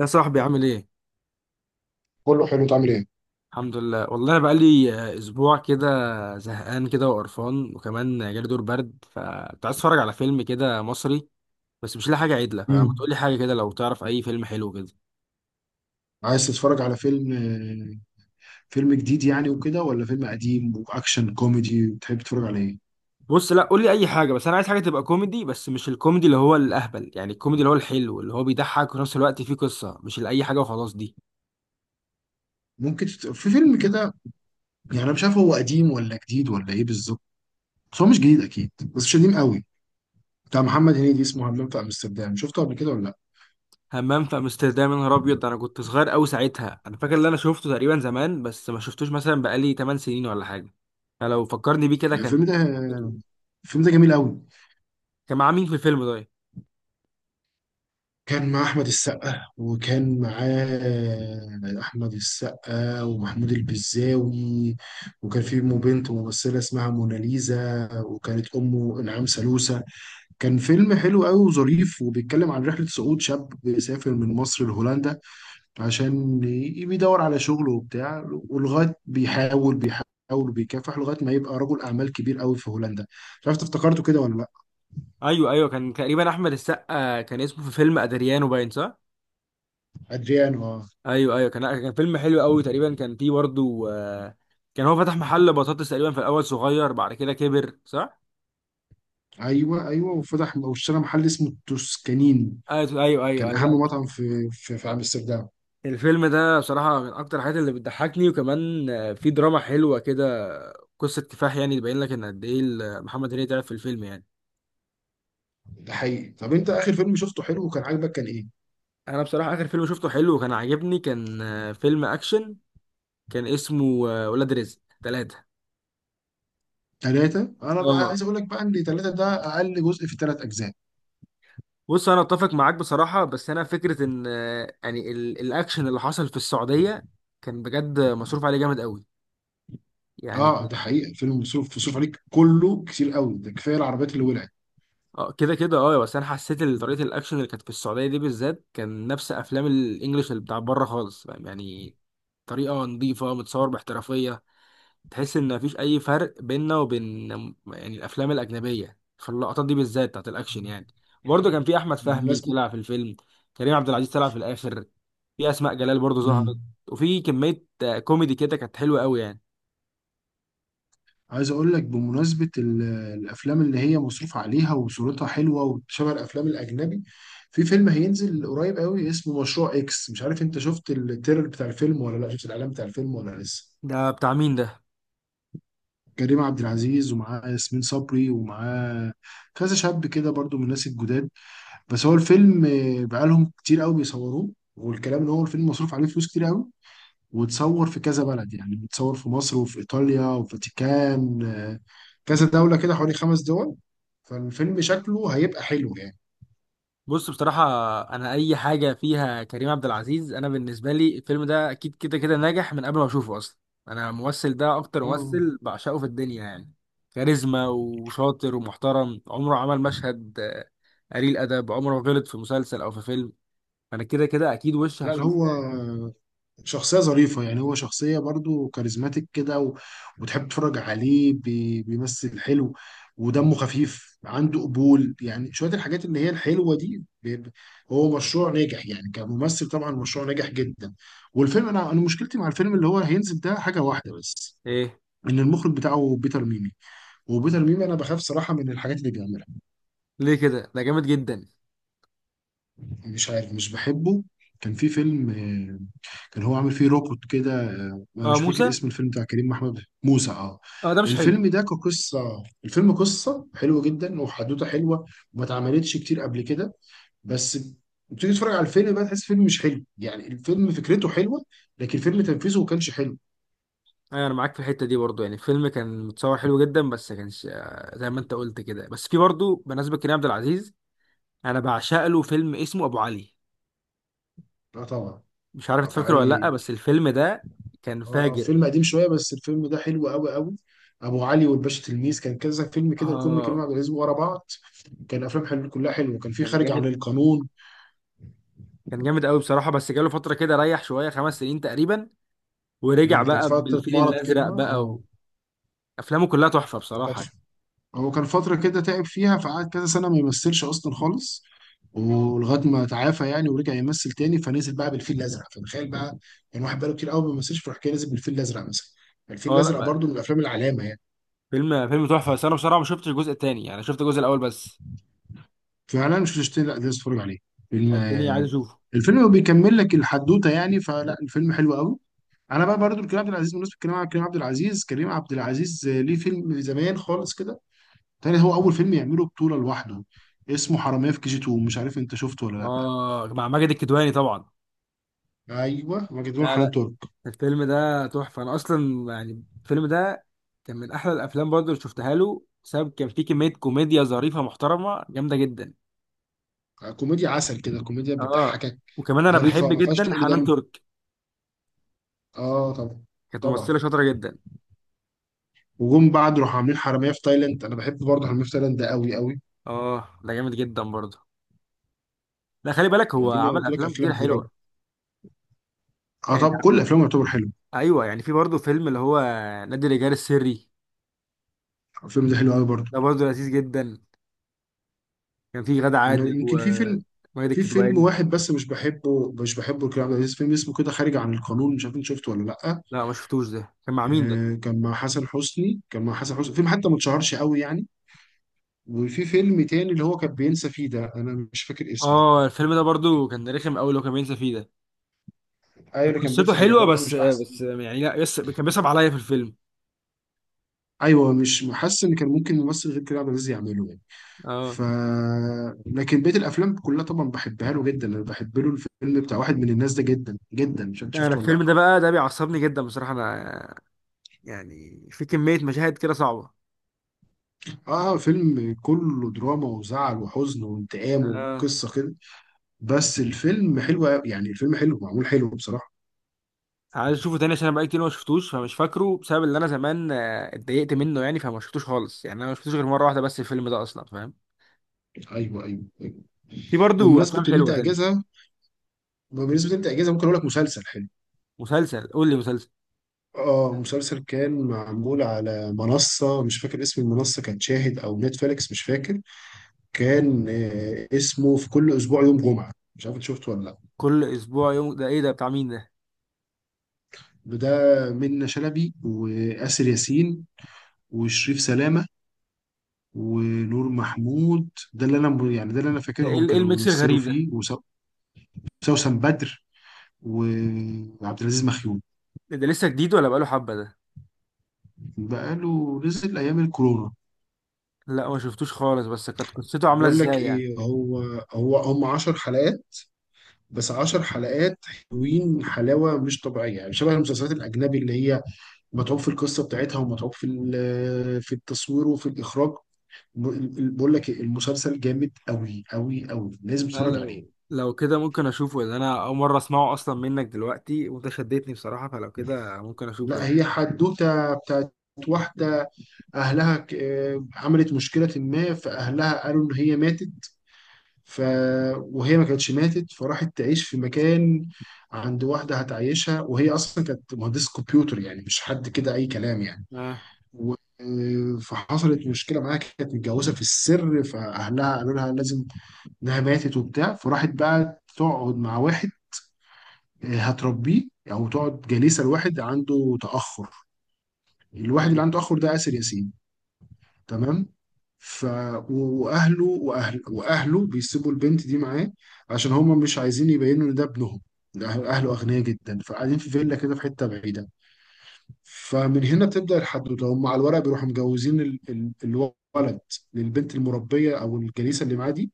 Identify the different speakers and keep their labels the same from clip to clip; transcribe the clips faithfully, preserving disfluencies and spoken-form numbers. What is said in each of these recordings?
Speaker 1: يا صاحبي، عامل ايه؟
Speaker 2: كله حلو تعمل ايه.
Speaker 1: الحمد لله، والله انا بقالي آه، اسبوع كده. زهقان كده وقرفان، وكمان جالي دور برد، فكنت عايز اتفرج على فيلم كده مصري بس مش لاقي حاجه عدله. فما
Speaker 2: امم
Speaker 1: تقول لي حاجه كده لو تعرف اي فيلم حلو كده.
Speaker 2: عايز تتفرج على فيلم، آه، فيلم جديد يعني وكده ولا فيلم قديم واكشن كوميدي بتحب تتفرج على ايه؟
Speaker 1: بص، لا قول لي اي حاجه، بس انا عايز حاجه تبقى كوميدي، بس مش الكوميدي اللي هو الاهبل، يعني الكوميدي اللي هو الحلو اللي هو بيضحك وفي نفس الوقت فيه قصه، مش لاي حاجه وخلاص دي.
Speaker 2: ممكن تت... في فيلم كده، يعني انا مش عارف هو قديم ولا جديد ولا ايه بالظبط، بس هو مش جديد اكيد بس مش قديم قوي. بتاع محمد هنيدي اسمه همام في امستردام، شفته قبل كده ولا لا؟
Speaker 1: همام في امستردام؟ يا نهار ابيض، انا كنت صغير قوي ساعتها، انا فاكر ان انا شفته تقريبا زمان، بس ما شفتوش مثلا بقالي 8 سنين ولا حاجه. انا لو فكرني بيه كده كان
Speaker 2: الفيلم ده الفيلم ده جميل قوي.
Speaker 1: كان معاه مين في الفيلم ده؟
Speaker 2: كان مع أحمد السقا، وكان معاه أحمد السقا ومحمود البزاوي، وكان في أمه بنت ممثلة اسمها موناليزا، وكانت أمه إنعام سالوسة. كان فيلم حلو قوي وظريف، وبيتكلم عن رحلة صعود شاب بيسافر من مصر لهولندا عشان ي- بيدور على شغل وبتاع، ولغاية بيحاول بيحاول وبيكافح لغاية ما يبقى رجل أعمال كبير قوي في هولندا. مش عارف إنت افتكرته كده ولا لأ.
Speaker 1: ايوه، ايوه، كان تقريبا احمد السقا، كان اسمه في فيلم ادريانو، باين صح.
Speaker 2: أدريان اه.
Speaker 1: ايوه، ايوه، كان كان فيلم حلو قوي، تقريبا كان فيه برضه آه، كان هو فتح محل بطاطس تقريبا في الاول صغير، بعد كده كبر، صح.
Speaker 2: ايوه ايوه، وفتح واشترى محل اسمه التوسكانين،
Speaker 1: ايوه، ايوه، ايوه،
Speaker 2: كان
Speaker 1: أيوة. لا.
Speaker 2: اهم مطعم في في, في امستردام.
Speaker 1: الفيلم ده بصراحة من أكتر الحاجات اللي بتضحكني، وكمان آه، في دراما حلوة كده، قصة كفاح، يعني تبين لك إن قد إيه ال- محمد هنيدي تعب في الفيلم يعني.
Speaker 2: ده حقيقي. طب انت اخر فيلم شفته حلو وكان عاجبك كان ايه؟
Speaker 1: أنا بصراحة آخر فيلم شفته حلو وكان عاجبني كان آه، فيلم أكشن. كان اسمه آه، ولاد رزق ثلاثة.
Speaker 2: ثلاثة؟ انا بقى
Speaker 1: اه.
Speaker 2: عايز اقول لك بقى ان ثلاثة ده اقل جزء في ثلاث اجزاء.
Speaker 1: بص، أنا أتفق معاك بصراحة، بس أنا فكرة إن آه، يعني ال- الأكشن اللي حصل في السعودية كان بجد مصروف عليه جامد قوي يعني.
Speaker 2: اه ده حقيقي، الفيلم مصروف مصروف عليك كله كتير قوي، ده كفايه العربيات اللي ولعت.
Speaker 1: اه كده كده اه، بس انا حسيت ان طريقه الاكشن اللي كانت في السعوديه دي بالذات كان نفس افلام الانجليش اللي بتاع بره خالص، فاهم يعني. طريقه نظيفه، متصور باحترافيه. تحس ان مفيش اي فرق بيننا وبين، يعني الافلام الاجنبيه في اللقطات دي بالذات بتاعت الاكشن يعني. برضه كان في احمد فهمي
Speaker 2: بالمناسبة،
Speaker 1: طلع في الفيلم. كريم عبد العزيز طلع في الاخر. في اسماء جلال برضه ظهرت.
Speaker 2: مم،
Speaker 1: وفي كميه آه، كوميدي كده كانت حلوه قوي يعني.
Speaker 2: عايز اقول لك بمناسبه ال- الافلام اللي هي مصروف عليها وصورتها حلوه وشبه الافلام الاجنبي، في فيلم هينزل قريب قوي اسمه مشروع اكس. مش عارف انت شفت التريلر بتاع الفيلم ولا لا، شفت الاعلان بتاع الفيلم ولا لسه؟
Speaker 1: ده بتاع مين ده؟
Speaker 2: كريم عبد العزيز ومعاه ياسمين صبري، ومعاه كذا شاب كده برضو من الناس الجداد. بس هو الفيلم، آه، بقالهم كتير قوي بيصوروه، والكلام ان هو الفيلم مصروف عليه فلوس كتير قوي، وتصور في كذا بلد، يعني بتصور في مصر وفي إيطاليا وفاتيكان، آه، كذا دولة كده، حوالي خمس دول. فالفيلم شكله هيبقى حلو يعني.
Speaker 1: بص، بصراحة أنا أي حاجة فيها كريم عبد العزيز، أنا بالنسبة لي الفيلم ده أكيد كده كده ناجح من قبل ما أشوفه أصلا. أنا الممثل ده أكتر
Speaker 2: اه،
Speaker 1: ممثل بعشقه في الدنيا يعني. كاريزما وشاطر ومحترم، عمره عمل مشهد آه، قليل أدب، عمره ما غلط في مسلسل أو في فيلم. أنا كده كده أكيد وش
Speaker 2: لا لا،
Speaker 1: هشوفه
Speaker 2: هو
Speaker 1: يعني.
Speaker 2: شخصية ظريفة يعني، هو شخصية برضو كاريزماتيك كده و- وتحب تتفرج عليه بي- بيمثل حلو، ودمه خفيف، عنده قبول يعني، شوية الحاجات اللي هي الحلوة دي بي- ب- هو مشروع ناجح يعني، كممثل طبعا مشروع ناجح جدا. والفيلم، انا انا مشكلتي مع الفيلم اللي هو هينزل ده حاجة واحدة بس،
Speaker 1: إيه؟
Speaker 2: ان المخرج بتاعه بيتر ميمي، وبيتر ميمي انا بخاف صراحه من الحاجات اللي بيعملها.
Speaker 1: ليه كده؟ ده جامد جدا.
Speaker 2: مش عارف، مش بحبه. كان في فيلم، آه، كان هو عامل فيه روبوت كده، آه، انا
Speaker 1: أه
Speaker 2: مش فاكر
Speaker 1: موسى.
Speaker 2: اسم الفيلم، بتاع كريم محمود موسى اه.
Speaker 1: أه ده مش حلو.
Speaker 2: الفيلم ده كقصه، الفيلم قصه حلوه جدا وحدوته حلوه، وما اتعملتش كتير قبل كده، بس بتيجي تتفرج على الفيلم بقى تحس فيلم مش حلو، يعني الفيلم فكرته حلوه لكن فيلم تنفيذه ما كانش حلو.
Speaker 1: أيوة، أنا معاك في الحتة دي برضو، يعني الفيلم كان متصور حلو جدا بس كانش آه، زي ما أنت قلت كده، بس في برضو بمناسبة كريم عبد العزيز، انا بعشق له فيلم اسمه ابو علي.
Speaker 2: لا طبعا،
Speaker 1: مش عارف
Speaker 2: ابو
Speaker 1: تفكره ولا لا،
Speaker 2: علي.
Speaker 1: بس الفيلم ده كان
Speaker 2: اه
Speaker 1: فاجر.
Speaker 2: فيلم قديم شويه، بس الفيلم ده حلو قوي قوي. ابو علي والباشا تلميذ، كان كذا فيلم كده لكل
Speaker 1: اه
Speaker 2: كريم عبد العزيز ورا بعض، كان افلام حلو كلها حلوه، كان في
Speaker 1: كان
Speaker 2: خارج عن
Speaker 1: جامد،
Speaker 2: القانون.
Speaker 1: كان جامد قوي بصراحه، بس جاله فتره كده، ريح شويه خمس سنين تقريبا، ورجع
Speaker 2: مم، كانت
Speaker 1: بقى
Speaker 2: فتره
Speaker 1: بالفيل
Speaker 2: مرض كده
Speaker 1: الازرق
Speaker 2: اه.
Speaker 1: بقى. وافلامه كلها تحفه
Speaker 2: وكانت،
Speaker 1: بصراحه.
Speaker 2: هو كان فتره كده تعب فيها فقعد كذا سنه ما يمثلش اصلا خالص، ولغايه ما تعافى يعني ورجع يمثل تاني، فنزل بقى بالفيل الازرق، فتخيل بقى، يعني واحد بقاله كتير قوي ما بيمثلش فراح كده نزل بالفيل الازرق مثلا، الفيل
Speaker 1: اه، لا
Speaker 2: الازرق
Speaker 1: بقى،
Speaker 2: برضه من الافلام العلامه يعني.
Speaker 1: فيلم فيلم تحفه، بس انا بصراحه ما شفتش الجزء الثاني، يعني شفت الجزء الاول بس.
Speaker 2: فعلا مش هتشتري، لا لازم تتفرج عليه. فيلم،
Speaker 1: يعني التاني عايز
Speaker 2: آه،
Speaker 1: اشوفه.
Speaker 2: الفيلم بيكمل لك الحدوته يعني، فلا الفيلم حلو قوي. انا بقى برضو الكريم عبد العزيز، بالنسبه لكريم عبد- كريم عبد العزيز، كريم عبد العزيز آه، ليه فيلم زمان خالص كده تاني، هو اول فيلم يعمله بطوله لوحده اسمه حراميه في كي جي اتنين، مش عارف انت شفته ولا لا.
Speaker 1: اه، مع ماجد الكدواني طبعا.
Speaker 2: ايوه مجدون
Speaker 1: لا،
Speaker 2: حنان
Speaker 1: لا.
Speaker 2: ترك.
Speaker 1: الفيلم ده تحفة، أنا أصلا يعني الفيلم ده كان من أحلى الأفلام برضه اللي شفتها له، بسبب كان فيه كمية كوميديا ظريفة محترمة جامدة جدا.
Speaker 2: آه، كوميديا عسل كده، كوميديا
Speaker 1: آه.
Speaker 2: بتضحكك.
Speaker 1: وكمان أنا
Speaker 2: ظريفه
Speaker 1: بحب
Speaker 2: ما فيهاش
Speaker 1: جدا
Speaker 2: تقل
Speaker 1: حنان
Speaker 2: دم.
Speaker 1: ترك.
Speaker 2: اه طبعا.
Speaker 1: كانت ممثلة
Speaker 2: طبعا.
Speaker 1: شاطرة جدا.
Speaker 2: وجم بعد راحوا عاملين حراميه في تايلاند، انا بحب برضه حراميه في تايلاند ده قوي قوي.
Speaker 1: آه ده جامد جدا برضه. لا، خلي بالك هو
Speaker 2: دي
Speaker 1: عمل
Speaker 2: قلت لك
Speaker 1: أفلام
Speaker 2: افلام
Speaker 1: كتير
Speaker 2: كتير.
Speaker 1: حلوة
Speaker 2: اه
Speaker 1: يعني.
Speaker 2: طب كل افلامه يعتبر حلو.
Speaker 1: أيوه، يعني في برضه فيلم اللي هو نادي الرجال السري.
Speaker 2: الفيلم ده حلو قوي برضه.
Speaker 1: ده برضه لذيذ جدا. كان فيه غادة
Speaker 2: انا
Speaker 1: عادل
Speaker 2: يمكن في
Speaker 1: وماجد
Speaker 2: فيلم، في فيلم
Speaker 1: الكدواني.
Speaker 2: واحد بس مش بحبه، مش بحبه لكريم عبد العزيز، فيلم اسمه كده خارج عن القانون، مش عارف انت شفته ولا لا.
Speaker 1: لا، ما شفتوش، ده كان مع مين ده؟
Speaker 2: آه كان مع حسن حسني، كان مع حسن حسني فيلم حتى ما اتشهرش قوي يعني. وفي فيلم تاني اللي هو كان بينسى فيه ده، انا مش فاكر اسمه.
Speaker 1: آه الفيلم ده برضه
Speaker 2: كان-
Speaker 1: كان رخم أوي لو كان بينسى فيه ده.
Speaker 2: ايوه
Speaker 1: كانت
Speaker 2: اللي كان
Speaker 1: قصته
Speaker 2: بينسى فيه ده
Speaker 1: حلوه،
Speaker 2: برضه
Speaker 1: بس
Speaker 2: مش احسن.
Speaker 1: بس يعني لا يس... كان بيصعب عليا في الفيلم.
Speaker 2: ايوه، مش حاسس ان كان ممكن ممثل غير كريم عبد العزيز يعمله يعني.
Speaker 1: اه.
Speaker 2: ف لكن بقيه الافلام كلها طبعا بحبها له جدا، انا بحب له الفيلم بتاع واحد من الناس ده جدا جدا، مش عارف
Speaker 1: انا
Speaker 2: شفته ولا
Speaker 1: الفيلم ده
Speaker 2: لأ.
Speaker 1: بقى، ده بيعصبني جدا بصراحه انا، يعني في كميه مشاهد كده صعبه.
Speaker 2: اه فيلم كله دراما وزعل وحزن وانتقام
Speaker 1: اه،
Speaker 2: وقصه كده، بس الفيلم حلو أوي، يعني الفيلم حلو معمول حلو بصراحه.
Speaker 1: عايز اشوفه تاني، عشان انا بقالي كتير ما شفتوش، فمش فاكره بسبب اللي انا زمان آه، اتضايقت منه يعني، فما شفتوش خالص، يعني انا ما شفتوش غير مره واحده بس الفيلم ده اصلا، فاهم.
Speaker 2: ايوه ايوه ايوه.
Speaker 1: في برضو
Speaker 2: وبمناسبه
Speaker 1: افلام
Speaker 2: ان انت
Speaker 1: حلوه تانية.
Speaker 2: اجازه، بمناسبه ان انت اجازه ممكن اقول لك مسلسل حلو.
Speaker 1: مسلسل، قول لي مسلسل.
Speaker 2: اه مسلسل كان معمول على منصه، مش فاكر اسم المنصه، كانت شاهد او نتفليكس مش فاكر. كان آه اسمه في كل اسبوع يوم جمعه، مش عارف انت شفته ولا لا.
Speaker 1: كل اسبوع يوم ده ايه ده، بتاع مين ده؟
Speaker 2: ده منة شلبي وآسر ياسين وشريف سلامه ونور محمود، ده اللي انا يعني ده اللي انا
Speaker 1: ده ايه
Speaker 2: فاكرهم
Speaker 1: ال- ايه
Speaker 2: كانوا
Speaker 1: الميكس
Speaker 2: بيمثلوا
Speaker 1: الغريب ده؟
Speaker 2: فيه وسو- وسوسن بدر وعبد العزيز مخيون.
Speaker 1: ده لسه جديد ولا بقاله حبه ده؟
Speaker 2: بقاله نزل ايام الكورونا.
Speaker 1: لا، ما شفتوش خالص، بس كانت قصته عامله
Speaker 2: بقول لك
Speaker 1: ازاي يعني؟
Speaker 2: ايه، هو هو هم عشر حلقات، بس عشر حلقات حلوين حلاوه مش طبيعيه يعني، شبه المسلسلات الاجنبي اللي هي متعوب في القصه بتاعتها ومتعوب في ال- في التصوير وفي الاخراج. ب- بقول لك إيه، المسلسل جامد قوي قوي قوي، لازم
Speaker 1: لا،
Speaker 2: تتفرج عليه.
Speaker 1: لو لو كده ممكن اشوفه، لان انا اول مره اسمعه اصلا منك دلوقتي، وانت شدتني بصراحه، فلو كده ممكن اشوفه
Speaker 2: لا
Speaker 1: يعني.
Speaker 2: هي حدوته بتاعت واحده، اهلها ك- آه، عملت مشكله ما فاهلها قالوا ان هي ماتت ف... وهي ما كانتش ماتت، فراحت تعيش في مكان عند واحده هتعيشها، وهي اصلا كانت مهندسه كمبيوتر يعني مش حد كده اي كلام يعني.
Speaker 1: اه.
Speaker 2: و... آه، فحصلت مشكله معاها، كانت متجوزه في السر، فاهلها قالوا لها لازم انها ماتت وبتاع، فراحت بقى تقعد مع واحد، آه، هتربيه او تقعد جليسه لواحد عنده تاخر، الواحد
Speaker 1: حلو.
Speaker 2: اللي عنده تاخر ده آسر ياسين. تمام. ف و- واهله واهل واهله بيسيبوا البنت دي معاه عشان هما مش عايزين يبينوا ان ده ابنهم، ده أهل- اهله اغنياء جدا، فقاعدين في فيلا كده في حته بعيده. فمن هنا بتبدا الحدوته، هم على الورق بيروحوا مجوزين ال... ال... الولد للبنت المربيه او الجليسه اللي معاه دي،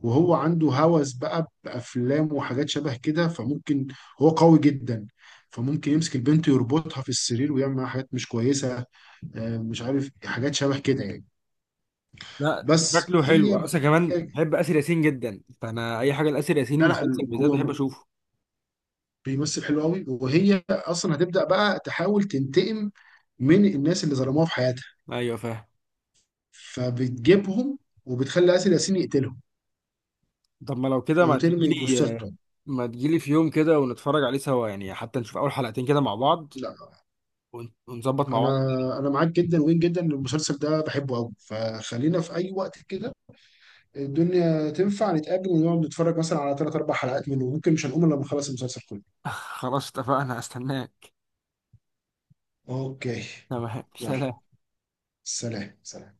Speaker 2: وهو عنده هوس بقى بافلام وحاجات شبه كده، فممكن، هو قوي جدا، فممكن يمسك البنت يربطها في السرير ويعمل معاها حاجات مش كويسه، آه، مش عارف حاجات شبه كده يعني.
Speaker 1: لا
Speaker 2: بس
Speaker 1: شكله حلو
Speaker 2: هي
Speaker 1: اصلا، كمان
Speaker 2: هي
Speaker 1: بحب اسر ياسين جدا، فانا اي حاجه لاسر ياسين
Speaker 2: لا
Speaker 1: مسلسل
Speaker 2: لا،
Speaker 1: بالذات بحب
Speaker 2: هو
Speaker 1: اشوفه.
Speaker 2: بيمثل حلو قوي، وهي اصلا هتبدا بقى تحاول تنتقم من الناس اللي ظلموها في حياتها،
Speaker 1: ايوه فاهم.
Speaker 2: فبتجيبهم وبتخلي آسر ياسين يقتلهم
Speaker 1: طب ما لو كده ما
Speaker 2: وترمي
Speaker 1: تجيلي
Speaker 2: جثتهم.
Speaker 1: ما تجيلي في يوم كده ونتفرج عليه سوا يعني، حتى نشوف اول حلقتين كده مع بعض،
Speaker 2: لا
Speaker 1: ون- ونظبط مع
Speaker 2: انا
Speaker 1: بعض.
Speaker 2: انا معاك جدا وين جدا إن المسلسل ده بحبه قوي، فخلينا في اي وقت كده الدنيا تنفع نتقابل ونقعد نتفرج مثلا على ثلاث اربع حلقات منه، ممكن مش هنقوم الا لما نخلص المسلسل كله.
Speaker 1: خلاص اتفقنا، استناك.
Speaker 2: اوكي.
Speaker 1: تمام،
Speaker 2: يلا.
Speaker 1: سلام.
Speaker 2: سلام سلام.